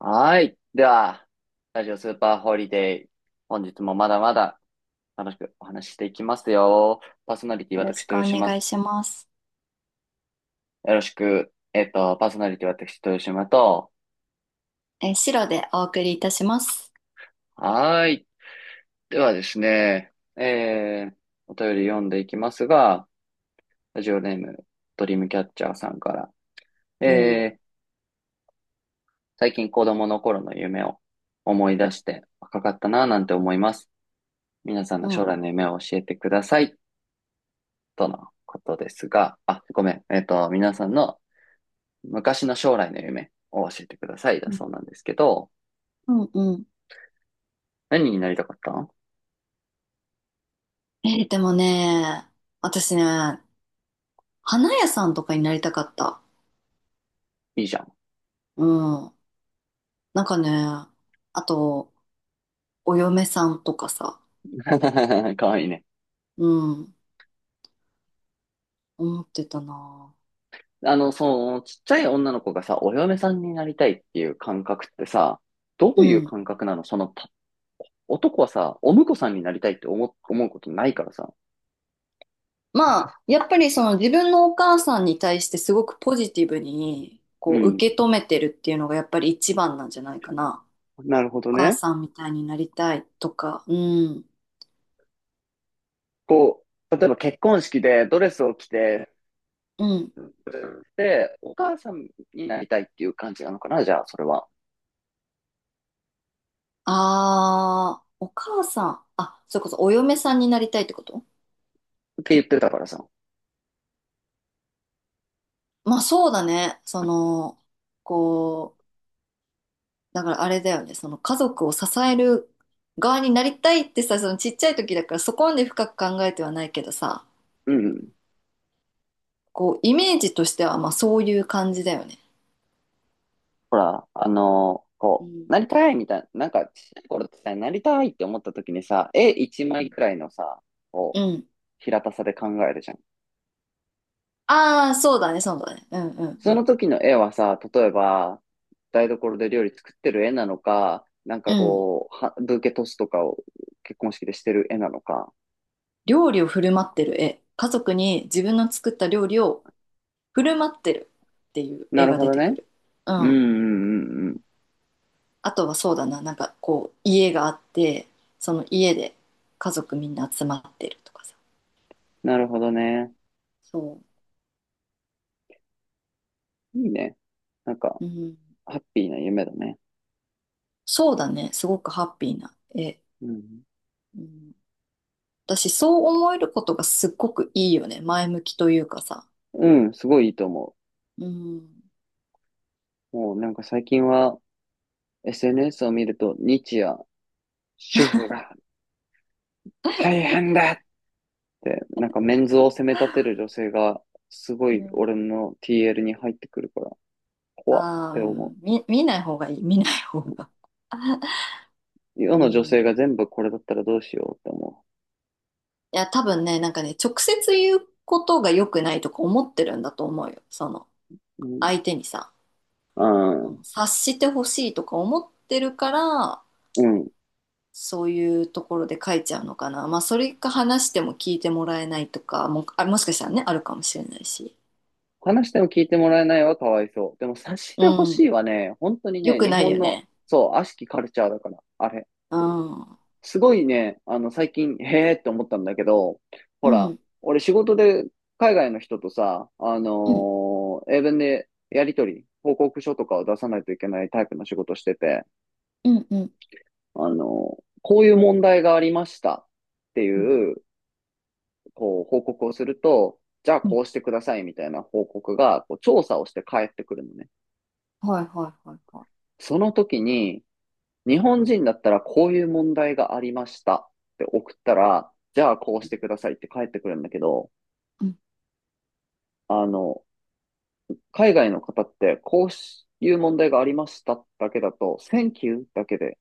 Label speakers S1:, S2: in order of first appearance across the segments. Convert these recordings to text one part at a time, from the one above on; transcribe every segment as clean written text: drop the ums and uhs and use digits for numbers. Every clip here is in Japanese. S1: はい。では、ラジオスーパーホリデー。本日もまだまだ楽しくお話ししていきますよ。パーソナリティ
S2: よろ
S1: 私、
S2: しく
S1: 豊
S2: お
S1: 島。
S2: 願いします。
S1: よろしく。パーソナリティ私、豊島と。
S2: 白でお送りいたします。
S1: はい。ではですね、お便り読んでいきますが、ラジオネーム、ドリームキャッチャーさんから、
S2: おう。
S1: えー、最近子供の頃の夢を思い出して若かったなぁなんて思います。皆さん
S2: う
S1: の将
S2: ん。
S1: 来の夢を教えてください。とのことですが、あ、ごめん。皆さんの昔の将来の夢を教えてくださいだ
S2: う
S1: そ
S2: ん。
S1: うなんですけど、
S2: うんうん。
S1: 何になりたかったの。
S2: でもね、私ね、花屋さんとかになりたかった。
S1: いいじゃん。
S2: うん。なんかね、あと、お嫁さんとかさ、
S1: かわいいね。
S2: うん、思ってたな。
S1: ちっちゃい女の子がさ、お嫁さんになりたいっていう感覚ってさ、ど
S2: う
S1: ういう
S2: ん。
S1: 感覚なの男はさ、お婿さんになりたいって思うことないからさ。
S2: まあ、やっぱりその自分のお母さんに対してすごくポジティブに、
S1: う
S2: こう、
S1: ん。
S2: 受け止めてるっていうのがやっぱり一番なんじゃないかな。
S1: なるほ
S2: お
S1: ど
S2: 母
S1: ね。
S2: さんみたいになりたいとか、うん。
S1: こう、例えば結婚式でドレスを着て、
S2: うん。
S1: で、お母さんになりたいっていう感じなのかなじゃあ、それは。
S2: ああ、お母さん。あ、それこそお嫁さんになりたいってこと。
S1: って言ってたからさ。
S2: まあそうだね。その、こう、だからあれだよね。その家族を支える側になりたいってさ、そのちっちゃい時だからそこまで深く考えてはないけどさ、
S1: うんうん。
S2: こう、イメージとしてはまあそういう感じだよね。
S1: ほら、
S2: うん。
S1: なりたいみたいな、なんか、ちっちゃい頃ってさ、なりたいって思った時にさ、絵一枚くらいのさ、を
S2: うん。
S1: 平たさで考えるじゃん。
S2: ああ、そうだね、そうだね。うんうんう
S1: その
S2: ん。
S1: 時の絵はさ、例えば、台所で料理作ってる絵なのか、なん
S2: う
S1: か
S2: ん。
S1: こう、はブーケトスとかを結婚式でしてる絵なのか。
S2: 料理を振る舞ってる絵。家族に自分の作った料理を振る舞ってるっていう
S1: な
S2: 絵
S1: る
S2: が
S1: ほ
S2: 出
S1: ど
S2: てく
S1: ね。
S2: る。う
S1: うんう
S2: ん。
S1: んうんうん。
S2: あとはそうだな、なんかこう、家があって、その家で家族みんな集まってるとかさ。
S1: なるほどね。
S2: そ
S1: いいね。なんか、
S2: う。うん。
S1: ハッピーな夢だね。
S2: そうだね、すごくハッピーな絵。
S1: うん。
S2: うん。私、そう思えることがすっごくいいよね。前向きというかさ。
S1: うん、すごいいいと思
S2: うん。
S1: う。もうなんか最近は、SNS を見ると、日夜、主婦が大変だって、なんかメンズを責め立てる女性が、すご
S2: う
S1: い俺
S2: ん、
S1: の TL に入ってくるから、怖っ
S2: ああ、う
S1: て思
S2: ん見、見ない方がいい、見ない方が。
S1: う。世
S2: う
S1: の女性
S2: ん。
S1: が全部これだったらどうしようって思
S2: いや、多分ね、なんかね、直接言うことが良くないとか思ってるんだと思うよ。その、
S1: う。
S2: 相手にさ。
S1: うん。う
S2: その
S1: ん。
S2: 察してほしいとか思ってるから、
S1: うん。
S2: そういうところで書いちゃうのかな。まあそれか話しても聞いてもらえないとかも、あ、もしかしたらね、あるかもしれないし。
S1: 話しても聞いてもらえないはかわいそう。でも察し
S2: う
S1: てほし
S2: ん、
S1: いはね、本当に
S2: よ
S1: ね、
S2: く
S1: 日
S2: ないよ
S1: 本の、
S2: ね。
S1: そう、悪しきカルチャーだから、あれ。
S2: うんうん
S1: すごいね、あの、最近、へーって思ったんだけど、ほ
S2: う
S1: ら、
S2: ん
S1: 俺仕事で海外の人とさ、
S2: う
S1: 英文でやりとり、報告書とかを出さないといけないタイプの仕事してて、
S2: ん。うん
S1: あのこういう問題がありましたって
S2: うん
S1: いう、こう、報告をすると、じゃあ
S2: うん。
S1: こうしてくださいみたいな報告が、こう、調査をして返ってくるのね。
S2: はいはいはいはい。
S1: その時に、日本人だったらこういう問題がありましたって送ったら、じゃあこうしてくださいって返ってくるんだけど、
S2: うん、
S1: あの、海外の方って、こういう問題がありましただけだと、Thank you だけで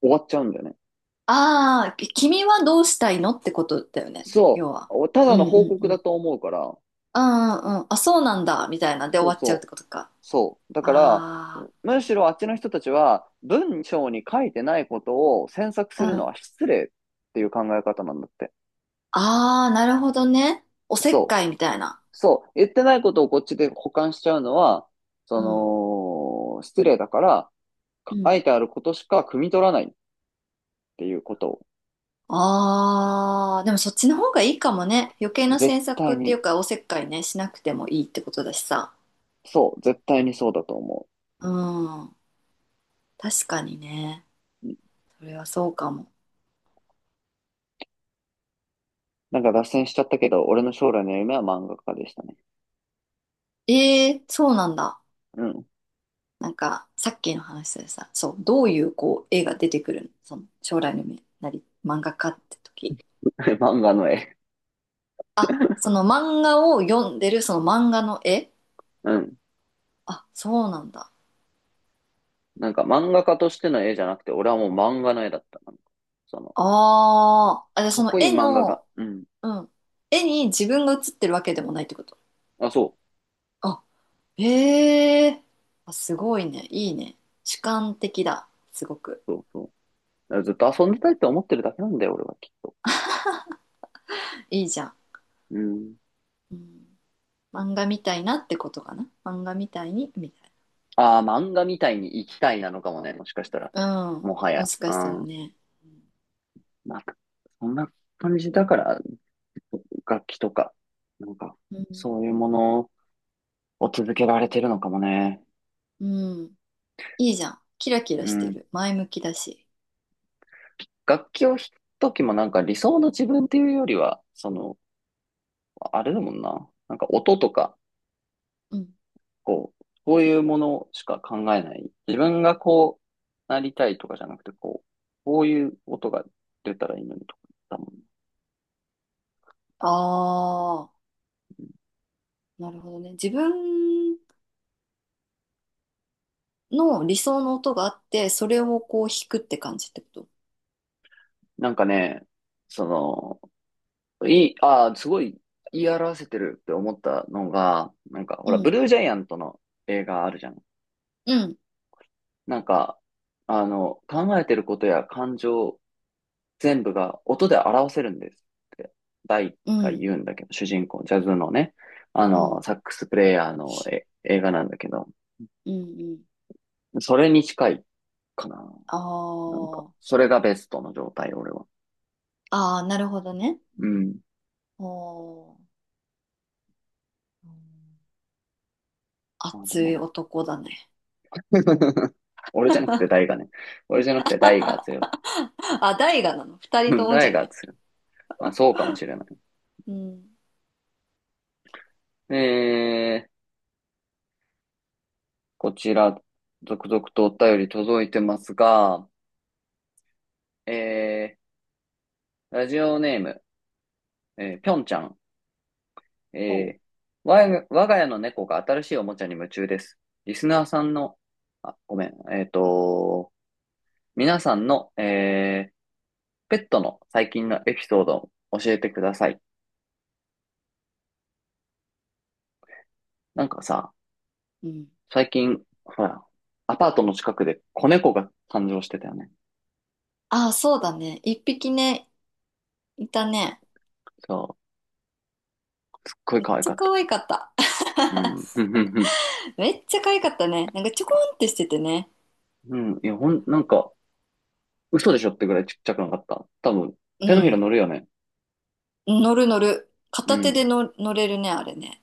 S1: 終わっちゃうんだよね。
S2: ああ、き君はどうしたいのってことだよね、
S1: そ
S2: 要は。
S1: う。た
S2: う
S1: だ
S2: ん
S1: の
S2: う
S1: 報
S2: ん
S1: 告
S2: う
S1: だ
S2: ん。
S1: と思うから、
S2: ああ、うん、あ、そうなんだみたいなで終
S1: そう
S2: わっちゃうって
S1: そう。
S2: ことか。
S1: そう。だから、
S2: あ、
S1: むしろあっちの人たちは、文章に書いてないことを詮索
S2: あ
S1: するの
S2: ん、
S1: は失礼っていう考え方なんだって。
S2: ああ、なるほどね。おせっ
S1: そ
S2: か
S1: う。
S2: いみたいな。
S1: そう。言ってないことをこっちで補完しちゃうのは、そ
S2: うん。
S1: 失礼だから、
S2: う
S1: 書
S2: ん。
S1: いてあることしか汲み取らないっていうことを、
S2: ああ、でもそっちの方がいいかもね。余計な
S1: 絶
S2: 詮
S1: 対
S2: 索ってい
S1: に。
S2: うか、おせっかいね、しなくてもいいってことだしさ。
S1: そう、絶対にそうだと思
S2: うん。確かにね。
S1: う。うん。
S2: それはそうかも。
S1: なんか脱線しちゃったけど、俺の将来の夢は漫画家でしたね。
S2: ええ、そうなんだ。
S1: うん。
S2: なんか、さっきの話でさ、そう、どういうこう、絵が出てくるのその、将来の夢なり、漫画家って時。
S1: 漫画の絵。
S2: その漫画を読んでる、その漫画の絵。
S1: うん。
S2: あ、そうなんだ。
S1: なんか漫画家としての絵じゃなくて、俺はもう漫画の絵だった。その、
S2: ああ、あ、じゃあ
S1: か
S2: そ
S1: っ
S2: の
S1: こいい
S2: 絵
S1: 漫画が。
S2: の、
S1: うん。
S2: うん。絵に自分が写ってるわけでもないってこと。
S1: あ、そ
S2: あ、へえ。あ、すごいね。いいね。主観的だ。すごく。
S1: う。そうそう。だからずっと遊んでたいって思ってるだけなんだよ、俺はきっと。
S2: いいじゃん。
S1: うん。
S2: うん、漫画みたいなってことかな。漫画みたいに、みたい
S1: ああ、漫画みたいに生きたいなのかもね、もしかしたら。
S2: な。うん。
S1: もは
S2: も
S1: や。
S2: しか
S1: う
S2: したら
S1: ん。
S2: ね。
S1: まあ、そんな感じだから、楽器とか、なんか、
S2: う
S1: そ
S2: ん。
S1: ういうものを続けられてるのかもね。
S2: うん。いいじゃん。キラキ
S1: う
S2: ラして
S1: ん。
S2: る。前向きだし。
S1: 楽器を弾くときもなんか理想の自分っていうよりは、あれだもんな。なんか音とか、
S2: うん。
S1: こう、こういうものしか考えない。自分がこうなりたいとかじゃなくて、こう、こういう音が出たらいいのにとかだもんね。
S2: ああ、なるほどね。自分の理想の音があって、それをこう弾くって感じってこと。
S1: なんかね、その、いい、ああ、すごい言い表せてるって思ったのが、なんか、ほ
S2: う
S1: ら、ブ
S2: ん。
S1: ルージャイアントの映画あるじゃん。
S2: うん。
S1: なんか、考えてることや感情全部が音で表せるんですって、ダイ
S2: う
S1: が
S2: ん。
S1: 言うんだけど、主人公、ジャズのね、
S2: うん。
S1: サックスプレイヤーのえ映画なんだけど、
S2: うんうん。
S1: それに近いかな。
S2: あ
S1: なんか、
S2: ー、
S1: それがベストの状態、俺は。
S2: あー、なるほどね。
S1: うん。
S2: おー、
S1: まあで
S2: 熱い
S1: も、
S2: 男だね。
S1: 俺じゃなくてダイがね。俺じゃなくてダイが強いとか。
S2: あ、大河なの。二
S1: う
S2: 人と
S1: ん
S2: も
S1: ダ
S2: じ
S1: イ
S2: ゃな
S1: が
S2: い。
S1: 強い。まあそうかもしれない。
S2: うん。
S1: えー、こちら、続々とお便り届いてますが、えラジオネーム、ぴょんちゃん
S2: おう。
S1: えー、我が家の猫が新しいおもちゃに夢中です。リスナーさんの、あ、ごめん、皆さんの、ペットの最近のエピソードを教えてください。なんかさ、
S2: うん。
S1: 最近、ほら、アパートの近くで子猫が誕生してたよね。
S2: ああ、そうだね。一匹ね、いたね。
S1: そう、すっごい
S2: めっ
S1: 可愛
S2: ちゃ
S1: かっ
S2: 可
S1: た。
S2: 愛かった。
S1: うん、ふんふんふん。
S2: めっちゃ可愛かったね。なんかちょこんってしててね。
S1: うん、いや、ほん、なんか、嘘でしょってぐらいちっちゃくなかった。多分、
S2: う
S1: 手のひら
S2: ん。
S1: 乗るよね。
S2: 乗る乗る。
S1: う
S2: 片
S1: ん。
S2: 手で
S1: い
S2: の乗れるね、あれね。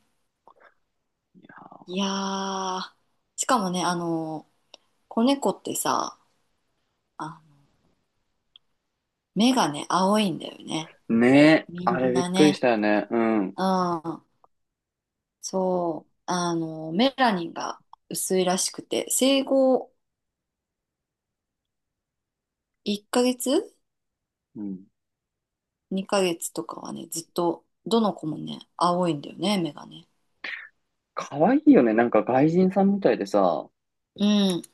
S1: や
S2: いやー。しかもね、子猫ってさ、あ、目がね、青いんだよね。
S1: ーねえ、
S2: み
S1: あれ
S2: ん
S1: びっ
S2: な
S1: くりし
S2: ね。
S1: たよね。うん。
S2: うん。そう、あの、メラニンが薄いらしくて、生後1ヶ月
S1: うん。
S2: ?2 ヶ月とかはね、ずっと、どの子もね、青いんだよね、目がね。
S1: 可愛いよね。なんか外人さんみたいでさ、
S2: うん。じ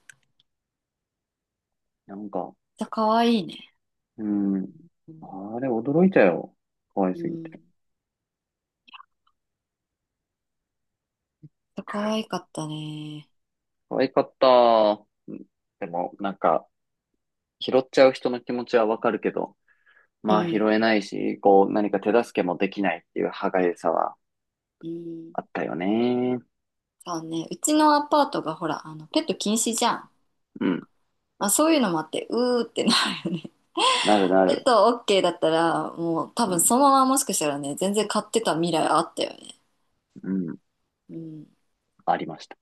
S1: なんか、
S2: ゃ、可愛いね。
S1: うん。
S2: うん。
S1: あれ、驚いたよ。可愛
S2: う
S1: すぎて。
S2: ん。可愛かったね。
S1: 可愛かった。うん。でも、なんか、拾っちゃう人の気持ちはわかるけど、
S2: う
S1: まあ拾
S2: ん。
S1: えないし、こう、何か手助けもできないっていう歯がゆさは
S2: うん。
S1: あったよね。
S2: そうね、うちのアパートがほら、あの、ペット禁止じゃん。
S1: うん。
S2: まあ、そういうのもあって、うーってなるよね。
S1: なるな
S2: ペッ
S1: る。
S2: ト OK だったら、もう多
S1: う
S2: 分
S1: ん。
S2: そのままもしかしたらね、全然飼ってた未来あったよね。
S1: うん。
S2: うん。
S1: ありました。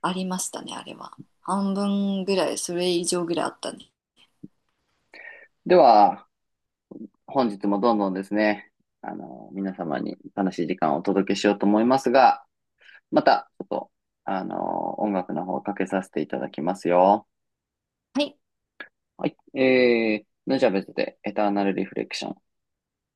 S2: ありましたね、あれは。半分ぐらい、それ以上ぐらいあったね。
S1: では、本日もどんどんですね、あの、皆様に楽しい時間をお届けしようと思いますが、また、ちょっと、あの、音楽の方かけさせていただきますよ。
S2: はい
S1: はい。ヌジャベズでエターナルリフレクション。